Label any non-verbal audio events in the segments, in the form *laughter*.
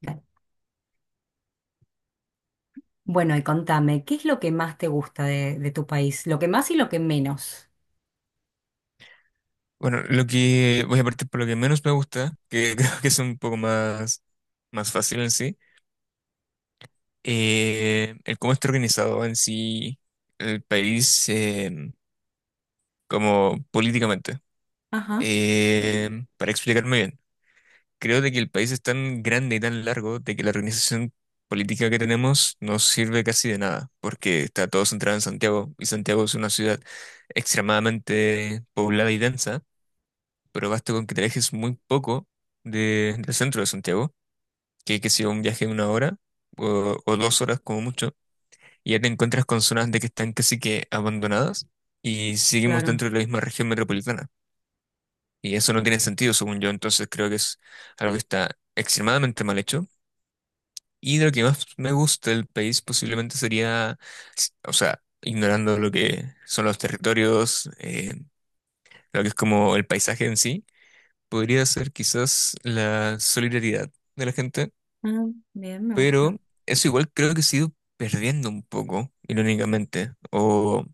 Dale. Bueno, y contame, ¿qué es lo que más te gusta de tu país? Lo que más y lo que menos. Bueno, lo que voy a partir por lo que menos me gusta, que *laughs* creo que es un poco más, más fácil en sí, el cómo está organizado en sí el país como políticamente. Ajá, Eh, para explicarme bien, creo de que el país es tan grande y tan largo de que la organización política que tenemos no sirve casi de nada, porque está todo centrado en Santiago y Santiago es una ciudad extremadamente poblada y densa. Pero basta con que te alejes muy poco del centro de Santiago, que sea un viaje de una hora o dos horas como mucho, y ya te encuentras con zonas de que están casi que abandonadas y seguimos claro. dentro de la misma región metropolitana. Y eso no tiene sentido, según yo, entonces creo que es algo que está extremadamente mal hecho. Y de lo que más me gusta del país posiblemente sería, o sea, ignorando lo que son los territorios, lo que es como el paisaje en sí podría ser quizás la solidaridad de la gente, Ah, bien, me pero gusta. eso igual creo que se ha ido perdiendo un poco, irónicamente,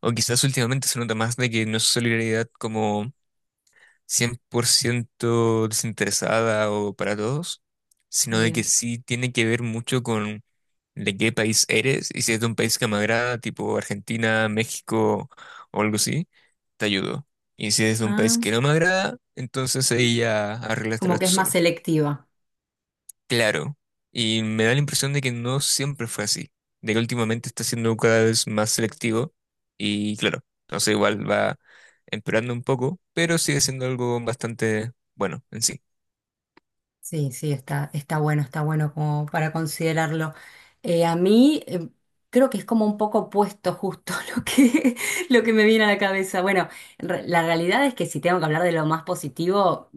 o quizás últimamente se nota más de que no es solidaridad como 100% desinteresada o para todos, sino de que Bien. sí tiene que ver mucho con de qué país eres y si es de un país que me agrada, tipo Argentina, México o algo así, te ayudo. Y si es de un país Ah, que no me agrada, entonces ahí ya como arréglatela que tú es más solo. selectiva. Claro, y me da la impresión de que no siempre fue así, de que últimamente está siendo cada vez más selectivo y claro, entonces igual va empeorando un poco, pero sigue siendo algo bastante bueno en sí. Sí, sí, está, está bueno como para considerarlo. A mí creo que es como un poco opuesto justo *laughs* lo que me viene a la cabeza. Bueno, la realidad es que si tengo que hablar de lo más positivo,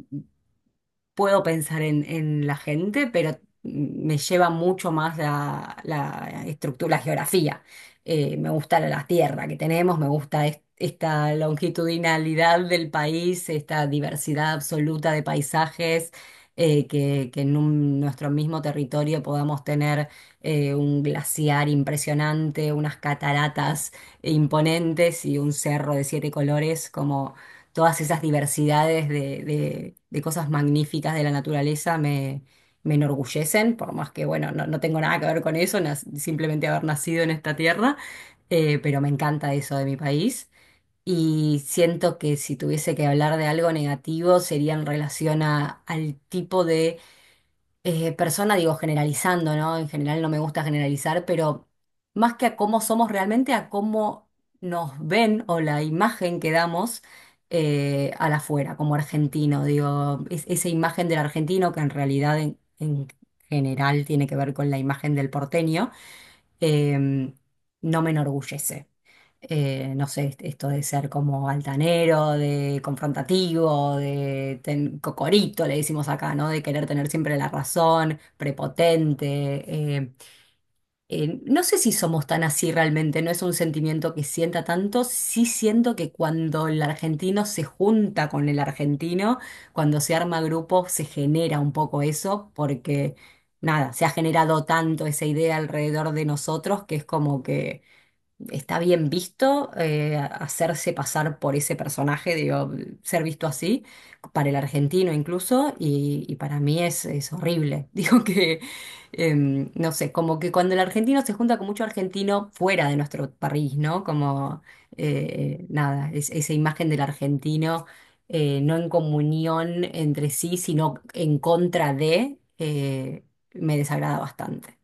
puedo pensar en la gente, pero me lleva mucho más la estructura, la geografía. Me gusta la tierra que tenemos, me gusta esta longitudinalidad del país, esta diversidad absoluta de paisajes, que en nuestro mismo territorio podamos tener un glaciar impresionante, unas cataratas imponentes y un cerro de siete colores, todas esas diversidades de cosas magníficas de la naturaleza me enorgullecen, por más que, bueno, no tengo nada que ver con eso, simplemente haber nacido en esta tierra, pero me encanta eso de mi país. Y siento que si tuviese que hablar de algo negativo sería en relación al tipo persona, digo, generalizando, ¿no? En general no me gusta generalizar, pero más que a cómo somos realmente, a cómo nos ven o la imagen que damos al afuera, como argentino, digo, esa imagen del argentino que en realidad en general tiene que ver con la imagen del porteño, em, no me enorgullece. No sé, esto de ser como altanero, de confrontativo, de cocorito, le decimos acá, ¿no? De querer tener siempre la razón, prepotente. No sé si somos tan así realmente, no es un sentimiento que sienta tanto, sí siento que cuando el argentino se junta con el argentino, cuando se arma grupo, se genera un poco eso, porque nada, se ha generado tanto esa idea alrededor de nosotros que es como que está bien visto hacerse pasar por ese personaje, digo, ser visto así, para el argentino incluso, y para mí es horrible. *laughs* Digo que, no sé, como que cuando el argentino se junta con mucho argentino fuera de nuestro país, ¿no? Nada, esa imagen del argentino no en comunión entre sí, sino en contra de, me desagrada bastante.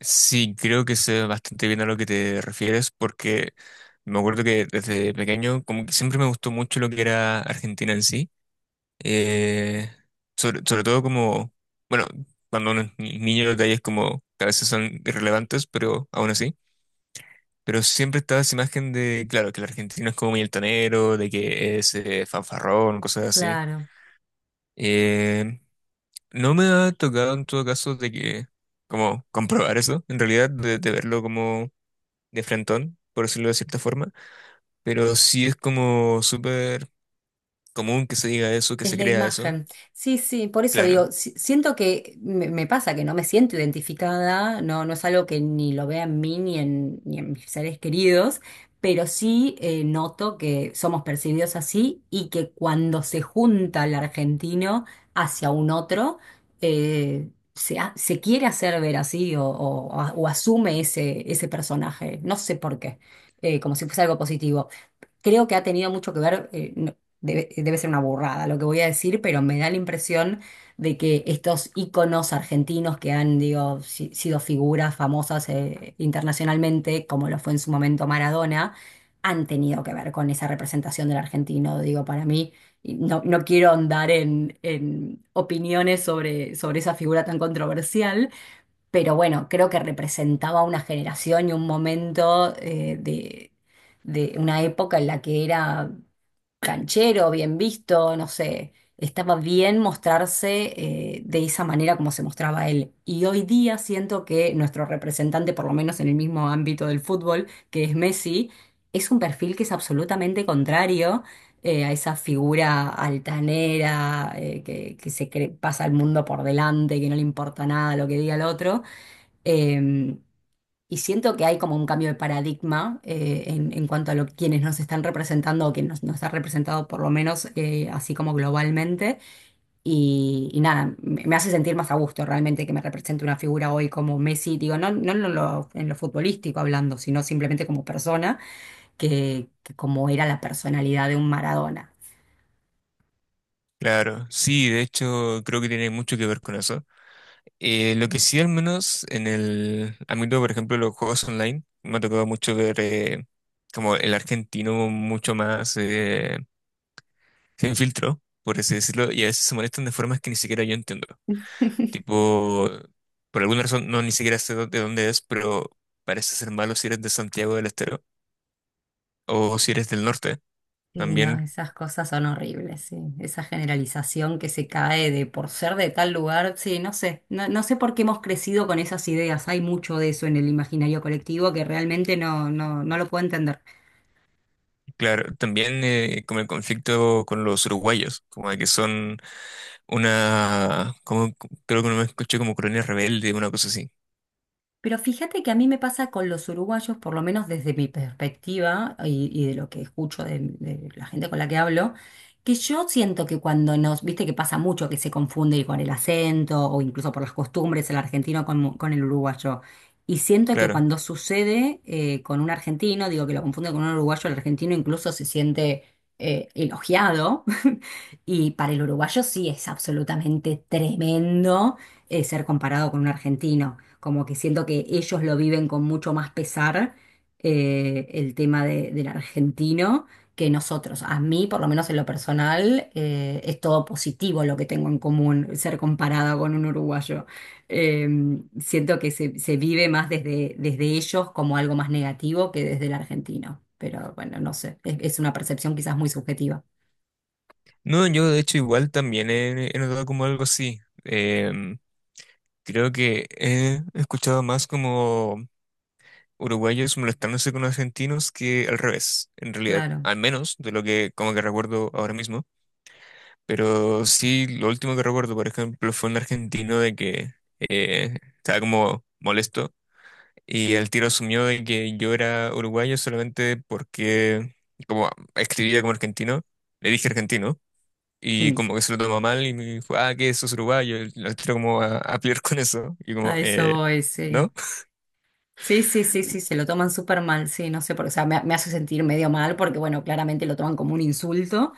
Sí, creo que sé bastante bien a lo que te refieres porque me acuerdo que desde pequeño como que siempre me gustó mucho lo que era Argentina en sí, eh, sobre, sobre todo como, bueno, cuando uno es niño los detalles como que a veces son irrelevantes, pero aún así. Pero siempre estaba esa imagen de, claro, que el argentino es como muy altanero, de que es fanfarrón, cosas así. Claro. Eh, no me ha tocado en todo caso de que, como, *laughs* comprobar eso, en realidad, de verlo como de frentón, por decirlo de cierta forma. Pero sí es como súper común que se diga eso, que Es se la crea eso. imagen. Sí, sí, por eso Claro, digo, siento que me pasa que no me siento identificada, no, no es algo que ni lo vea en mí ni en, ni en mis seres queridos, pero sí noto que somos percibidos así y que cuando se junta el argentino hacia un otro, eh, se quiere hacer ver así o asume ese, ese personaje. No sé por qué, como si fuese algo positivo. Creo que ha tenido mucho que ver, debe, debe ser una burrada lo que voy a decir, pero me da la impresión de que estos íconos argentinos que han, digo, sido figuras famosas internacionalmente, como lo fue en su momento Maradona, han tenido que ver con esa representación del argentino. Digo, para mí, y no, no quiero andar en opiniones sobre, sobre esa figura tan controversial, pero bueno, creo que representaba una generación y un momento de una época en la que era canchero, bien visto, no sé, estaba bien mostrarse de esa manera como se mostraba él. Y hoy día siento que nuestro representante, por lo menos en el mismo ámbito del fútbol, que es Messi, es un perfil que es absolutamente contrario. A esa figura altanera, que se pasa el mundo por delante, que no le importa nada lo que diga el otro, eh, y siento que hay como un cambio de paradigma en cuanto a lo, quienes nos están representando o quien nos ha representado por lo menos así como globalmente. Y nada, me hace sentir más a gusto realmente que me represente una figura hoy como Messi, digo, no, no en lo, en lo futbolístico hablando, sino simplemente como persona, que como era la personalidad de un Maradona. claro. Sí, de hecho, creo que tiene mucho que ver con eso. Lo que sí, al menos en el ámbito, por ejemplo, de los juegos online, me ha tocado mucho ver como el argentino mucho más sin filtro, por así decirlo, y a veces se molestan de formas que ni siquiera yo entiendo. *laughs* Tipo, por alguna razón, no ni siquiera sé de dónde es, pero parece ser malo si eres de Santiago del Estero o si eres del norte. Sí, no, También, esas cosas son horribles, sí. Esa generalización que se cae de por ser de tal lugar, sí, no sé, no, no sé por qué hemos crecido con esas ideas. Hay mucho de eso en el imaginario colectivo que realmente no, no lo puedo entender. claro, también como el conflicto con los uruguayos, como de que son una, como creo que no me escuché como colonia rebelde, una cosa así. Pero fíjate que a mí me pasa con los uruguayos, por lo menos desde mi perspectiva y de lo que escucho de la gente con la que hablo, que yo siento que cuando nos, viste que pasa mucho que se confunde con el acento o incluso por las costumbres el argentino con el uruguayo. Y siento que Claro. cuando sucede con un argentino, digo que lo confunde con un uruguayo, el argentino incluso se siente elogiado. *laughs* Y para el uruguayo sí es absolutamente tremendo ser comparado con un argentino, como que siento que ellos lo viven con mucho más pesar el tema del argentino que nosotros. A mí, por lo menos en lo personal, es todo positivo lo que tengo en común, ser comparada con un uruguayo. Eh, Siento que se vive más desde ellos como algo más negativo que desde el argentino. Pero bueno, no sé, es una percepción quizás muy subjetiva. No, yo de hecho igual también he, he notado como algo así. Em, creo que he escuchado más como uruguayos molestándose con argentinos que al revés, en realidad, Claro. al menos de lo que como que recuerdo ahora mismo. Pero sí, lo último que recuerdo, por ejemplo, fue un argentino de que estaba como molesto y el tiro asumió de que yo era uruguayo solamente porque como escribía como argentino, le dije argentino. Y Mm. como que se lo tomó mal y me dijo, ah, que sos uruguayo, y lo tiro como a pelear con eso. Y como, A eso voy, sí. ¿no? Sí, sí, sí, sí, se lo toman súper mal, sí, no sé por qué, o sea, me hace sentir medio mal porque, bueno, claramente lo toman como un insulto,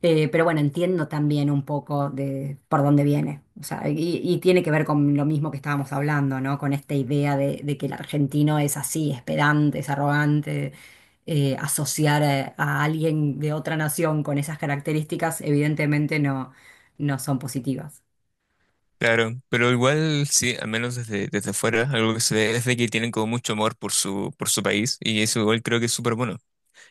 pero bueno, entiendo también un poco de por dónde viene, o sea, y tiene que ver con lo mismo que estábamos hablando, ¿no? Con esta idea de que el argentino es así, es pedante, es arrogante, asociar a alguien de otra nación con esas características evidentemente no, no son positivas. Claro, pero igual sí, al menos desde, desde fuera, algo que se ve es de que tienen como mucho amor por su país y eso igual creo que es súper bueno.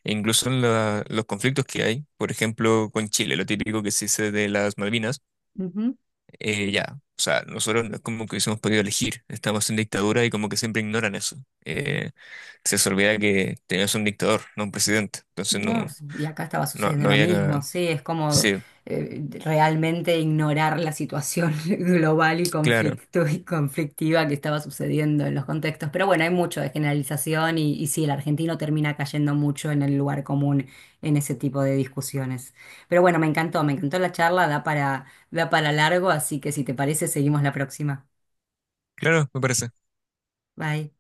E incluso en los conflictos que hay, por ejemplo, con Chile, lo típico que se dice de las Malvinas, Ujú. Ya, o sea, nosotros no es como que hubiésemos podido elegir, estamos en dictadura y como que siempre ignoran eso. Eh, se les olvida que tenemos un dictador, no un presidente, entonces no. No, pues, y acá estaba No, sucediendo no lo había cagado. mismo, sí, es como Sí, realmente ignorar la situación *laughs* global y claro, conflicto y conflictiva que estaba sucediendo en los contextos. Pero bueno, hay mucho de generalización y sí, el argentino termina cayendo mucho en el lugar común en ese tipo de discusiones. Pero bueno, me encantó la charla, da para, da para largo, así que si te parece, seguimos la próxima. claro, me parece. Bye.